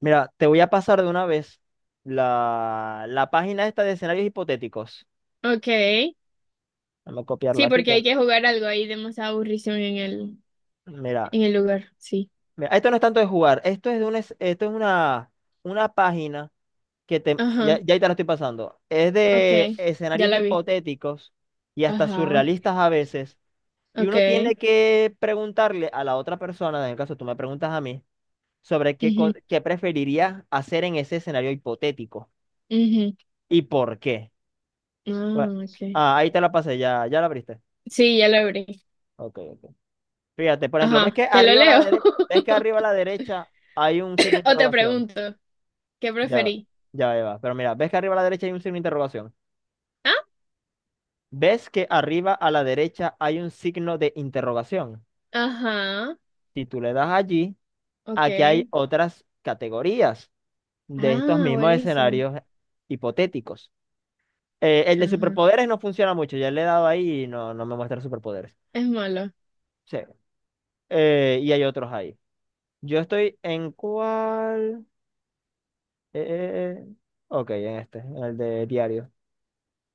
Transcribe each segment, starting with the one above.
Mira, te voy a pasar de una vez la página esta de escenarios hipotéticos. Ok. Vamos a copiarlo Sí, aquí. porque hay que jugar algo ahí de más aburrición en mira, en el lugar. Sí. mira, esto no es tanto de jugar, esto es de una, esto es una página que te, ya, Ajá. ya ahí te la estoy pasando. Es Ok. de Ya escenarios la vi. hipotéticos y hasta Ajá. surrealistas a veces. Y Ok. uno tiene que preguntarle a la otra persona, en el caso tú me preguntas a mí, sobre qué, co- Ujú, qué preferirías hacer en ese escenario hipotético ujú. y por qué. Bueno, Ah, ok. Ahí te la pasé, ya, ya la abriste. Sí, ya lo abrí. Ok, ok. Fíjate, por ejemplo, ¿ves Ajá. que ¿Te lo arriba a la leo? derecha, ves que arriba a la derecha hay un signo de O te interrogación? pregunto. ¿Qué Ya, preferí? ya Eva. Pero mira, ¿ves que arriba a la derecha hay un signo de interrogación? ¿Ah? ¿Ves que arriba a la derecha hay un signo de interrogación? Ajá. Si tú le das allí, Ok. aquí hay otras categorías de estos Ah, mismos buenísimo. escenarios hipotéticos. El de Ajá. superpoderes no funciona mucho, ya le he dado ahí y no me muestra superpoderes. Es malo. Sí. Y hay otros ahí. Yo estoy en cuál. Eh, eh, eh. Ok, en este, en el de diario.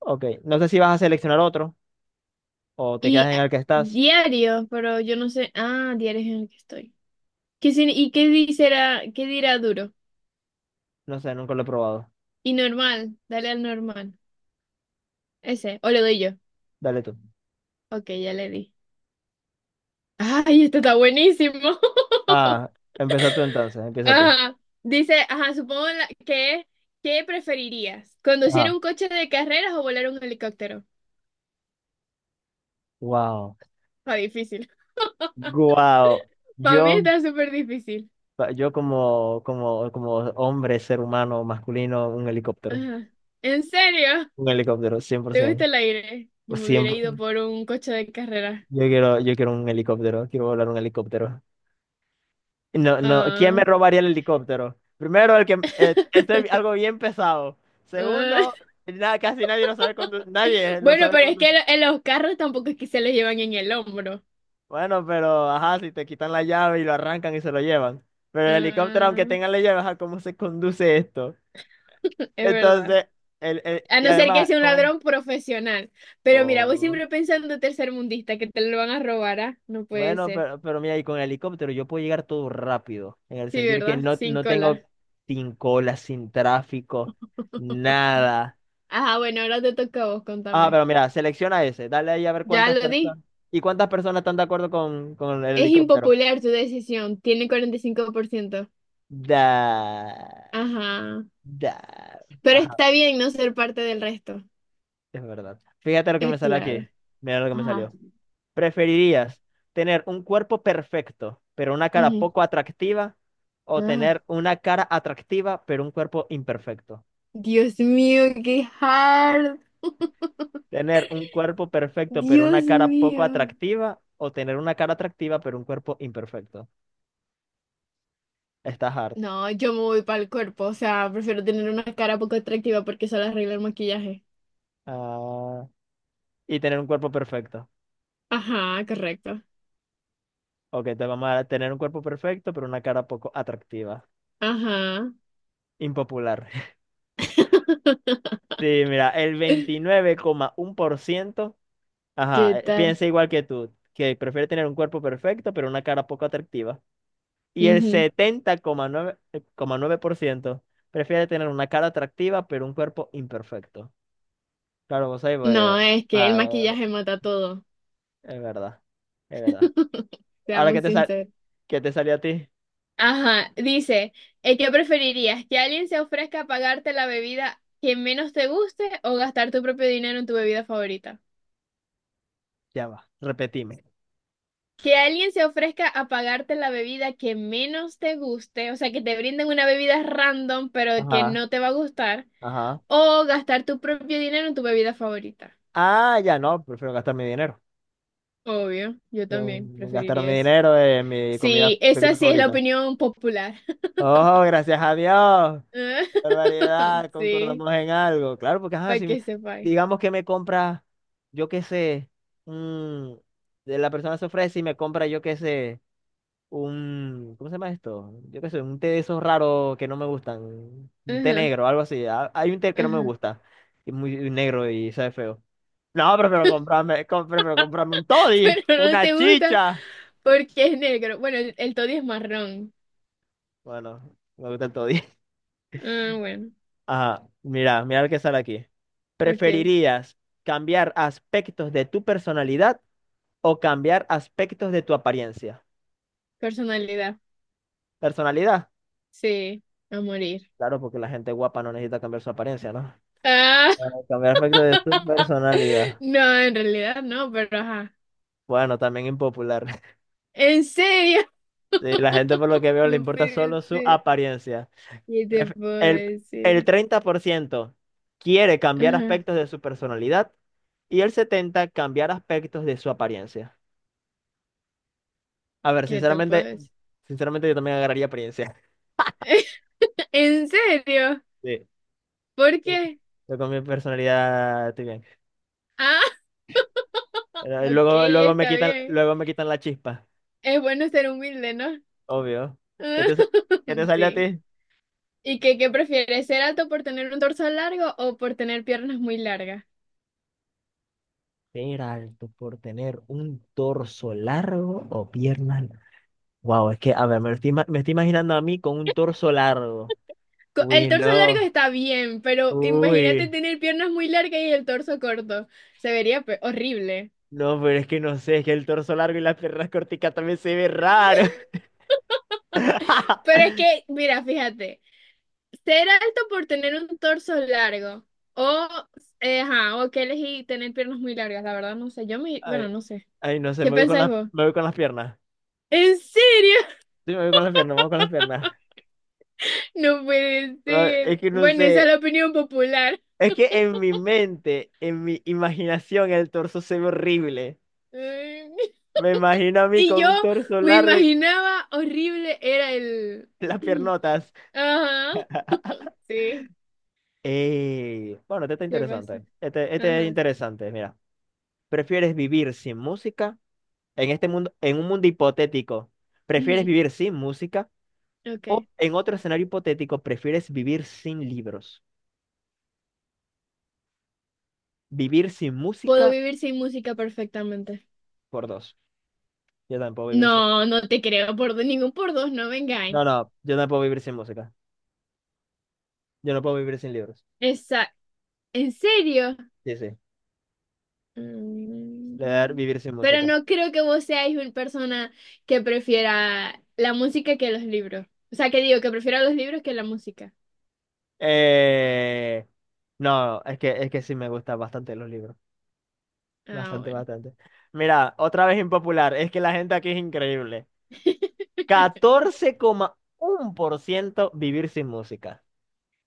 Ok, no sé si vas a seleccionar otro o te quedas Y en ah, el que estás. Diario, pero yo no sé. Ah, diario es en el que estoy. ¿Qué, sin- ¿Y qué dice, qué dirá duro? No sé, nunca lo he probado. Y normal, dale al normal. Ese, o le doy yo. Dale tú. Ok, ya le di. Ay, esto está buenísimo. Ah, empieza tú entonces, empieza tú. Ajá. Dice, ajá, ¿qué preferirías? ¿Conducir Ajá. un coche de carreras o volar un helicóptero? Wow. Está difícil. Wow. Para mí Yo, está súper difícil. yo como hombre, ser humano, masculino, un helicóptero. Ajá. ¿En serio? Un helicóptero, ¿Te gusta 100%. el aire? Yo me hubiera ido Siempre. por un coche de carreras. Yo quiero un helicóptero, quiero volar un helicóptero. No, no, ¿quién me Ah, robaría el helicóptero? Primero, el que este es algo bien pesado. ah. Segundo, casi nadie lo sabe conducir, nadie lo Bueno, sabe pero es conducir. En los carros tampoco es que se los llevan en el hombro. Bueno, pero ajá, si te quitan la llave y lo arrancan y se lo llevan. Pero el helicóptero, aunque Ah, tengan la llave, ajá, ¿cómo se conduce esto? es verdad. Entonces, A y no ser que además sea un con el. ladrón profesional. Pero mira, voy Oh. siempre pensando tercermundista, que te lo van a robar, ¿ah? No puede Bueno, ser. pero mira, y con el helicóptero yo puedo llegar todo rápido, en el Sí, sentido de que ¿verdad? no, Sin no tengo cola. sin cola, sin tráfico, nada. Ajá, bueno, ahora te toca a vos, Ah, contame. pero mira, selecciona ese, dale ahí a ver Ya cuántas lo di. personas y cuántas personas están de acuerdo con el Es helicóptero. impopular tu decisión, tiene 45%. Da, Ajá. da. Pero Ajá, está bien no ser parte del resto. es verdad. Fíjate lo que me Es sale aquí. claro. Mira lo que me Ajá. salió. ¿Preferirías tener un cuerpo perfecto, pero una cara Ujú. poco atractiva, o Ah, tener una cara atractiva, pero un cuerpo imperfecto? Dios mío, qué hard. ¿Tener un cuerpo perfecto, pero Dios una cara poco mío. atractiva, o tener una cara atractiva, pero un cuerpo imperfecto? Está hard. No, yo me voy para el cuerpo, o sea, prefiero tener una cara poco atractiva porque solo arregla el maquillaje. Ah, Y tener un cuerpo perfecto. Ajá, correcto. Ok, te vamos a tener un cuerpo perfecto, pero una cara poco atractiva. Ajá. Impopular. Sí, mira, el 29,1%, ¿Qué ajá, tal? piensa igual que tú, que prefiere tener un cuerpo perfecto, pero una cara poco atractiva. Y el Ujú. setenta coma nueve por ciento prefiere tener una cara atractiva, pero un cuerpo imperfecto. Claro, vos ahí, pues, No, es que el ah, maquillaje mata todo, es verdad, es verdad. Ahora, ¿qué seamos te sal- sinceros. qué te salió a ti? Ajá, dice, ¿qué preferirías? ¿Que alguien se ofrezca a pagarte la bebida que menos te guste o gastar tu propio dinero en tu bebida favorita? Ya va, repetime. Que alguien se ofrezca a pagarte la bebida que menos te guste, o sea, que te brinden una bebida random, pero que Ajá, no te va a gustar, ajá. o gastar tu propio dinero en tu bebida favorita. Ah, ya no, prefiero gastar mi dinero. Obvio, yo Prefiero también gastar preferiría mi eso. dinero en mi comida, Sí, esa bebida sí es la favorita. opinión popular. Oh, gracias a Dios. ¡Qué barbaridad! Sí, Concordamos en algo. Claro, porque ajá, para si me- que sepáis. digamos que me compra, yo qué sé, un- de la persona se ofrece y me compra, yo qué sé, un, ¿cómo se llama esto? Yo qué sé, un té de esos raros que no me gustan. Un té Ajá, negro, algo así. Hay un té que no me ajá. gusta, que es muy negro y sabe feo. No, prefiero comprarme un toddy, Pero no una te gusta chicha. porque es negro. Bueno, el Toddy es marrón. Bueno, me gusta el toddy. Ah, bueno, Ajá, mira lo que sale aquí. ok. ¿Preferirías cambiar aspectos de tu personalidad o cambiar aspectos de tu apariencia? Personalidad. ¿Personalidad? Sí, a morir. Claro, porque la gente guapa no necesita cambiar su apariencia, ¿no? Ah. Bueno, cambiar aspectos de su personalidad. No, en realidad no, pero ajá. Bueno, también impopular. ¿En serio? Sí, la gente por lo que veo le No importa puede solo su ser. apariencia. ¿Qué te Pref- puedo El, el decir? 30% quiere cambiar Ajá, aspectos de su personalidad y el 70% cambiar aspectos de su apariencia. A ver, ¿qué te puedo sinceramente, decir? sinceramente yo también agarraría apariencia. ¿En serio? Sí. ¿Por qué? Yo con mi personalidad estoy bien. Ah, Pero ok, luego, está bien. luego me quitan la chispa, Es bueno ser humilde, ¿no? obvio. ¿Qué te sale a Sí. ti? ¿Y qué, qué prefieres? ¿Ser alto por tener un torso largo o por tener piernas muy largas? Ser alto por tener un torso largo o piernas. Wow, es que, a ver, me estoy imaginando a mí con un torso largo. El Uy, torso largo no. está bien, pero imagínate Uy, tener piernas muy largas y el torso corto. Horrible. no, pero es que no sé, es que el torso largo y las piernas corticas también se ve raro. Pero es que, mira, fíjate, ser alto por tener un torso largo o, ajá, o que elegí tener piernas muy largas, la verdad no sé, yo me, bueno, Ay, no sé. ay, no sé, ¿Qué me voy con pensáis las, vos? me voy con las piernas. ¿En serio? Sí, me voy con las piernas, me voy con las piernas. No puede No, es ser. que no Bueno, esa es sé, la opinión popular. es que en mi mente, en mi imaginación, el torso se ve horrible. Ay, Me imagino a mí y con yo un torso me largo y imaginaba horrible era el... las piernotas. Ajá, sí, Ey, bueno, este está ¿qué pasa? interesante. Este es Ajá, interesante, mira. ¿Prefieres vivir sin música? En este mundo, en un mundo hipotético, ¿prefieres vivir sin música ujú, ok. o en otro escenario hipotético, prefieres vivir sin libros? Vivir sin Puedo música vivir sin música perfectamente. por dos. Yo tampoco vivir sin. No, no te creo por dos, ningún por dos, no No, vengáis. no, yo no puedo vivir sin música. Yo no puedo vivir sin libros. Esa, ¿en serio? Sí, sí. Mm. Le dar vivir sin Pero música. no creo que vos seáis una persona que prefiera la música que los libros. O sea, que digo, que prefiera los libros que la música. Eh, no, es que sí me gustan bastante los libros. Ah, Bastante, bueno. bastante. Mira, otra vez impopular. Es que la gente aquí es increíble. 14,1% vivir sin música.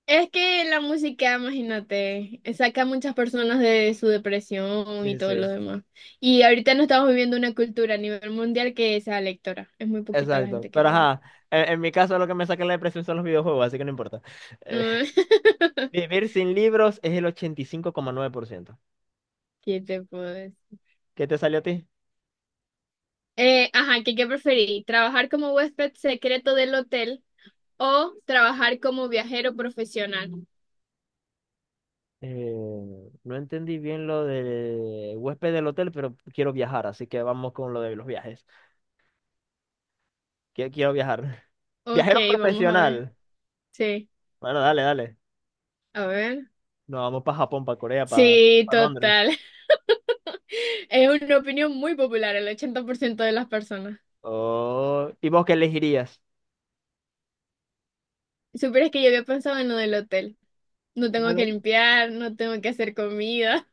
Es que la música, imagínate, saca a muchas personas de su depresión y Sí, todo lo sí. demás. Y ahorita no estamos viviendo una cultura a nivel mundial que sea lectora. Es muy poquita la Exacto, gente que pero lee. ajá, en mi caso lo que me saca la depresión son los videojuegos, así que no importa. Eh, Mm. Vivir sin libros es el 85,9%. ¿Qué te puedo decir? ¿Qué te salió a ti? Ajá, ¿qué preferí? ¿Trabajar como huésped secreto del hotel o trabajar como viajero profesional? Eh, no entendí bien lo de huésped del hotel, pero quiero viajar, así que vamos con lo de los viajes. Quiero, viajar. Ok, Viajero vamos a ver. profesional. Sí, Bueno, dale, dale. a ver. Nos vamos para Japón, para Corea, para Sí, Londres. total. Es una opinión muy popular, el 80% de las personas. Oh, ¿y vos qué elegirías? Supieras que yo había pensado en lo del hotel. No tengo que Claro. limpiar, no tengo que hacer comida.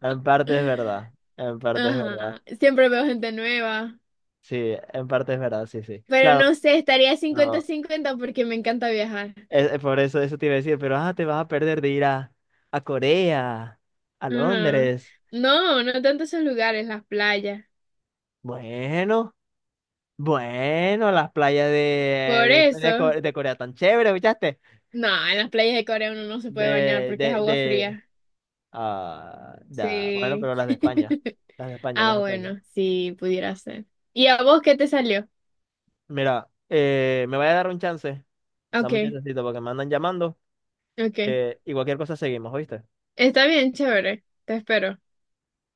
En parte es verdad, en parte es verdad. Ajá, siempre veo gente nueva. Sí, en parte es verdad, sí, sí. Pero Claro. no sé, estaría 50-50 porque me encanta viajar. Por eso, eso te iba a decir, pero te vas a perder de ir a, Corea, a Ajá. Londres. No, no tanto esos lugares, las playas. Bueno, bueno, las playas Por de, de, de Co- eso, de Corea tan chévere, ¿escuchaste? no, en las playas de Corea uno no se puede bañar De, porque es de, agua de, fría. bueno, Sí. pero las de España, las de España, las Ah, de España. bueno, sí, pudiera ser. ¿Y a vos qué te salió? Mira, me voy a dar un chance, dame un Ok, chancecito porque me andan llamando ok. Y cualquier cosa seguimos, ¿oíste? Está bien, chévere. Te espero.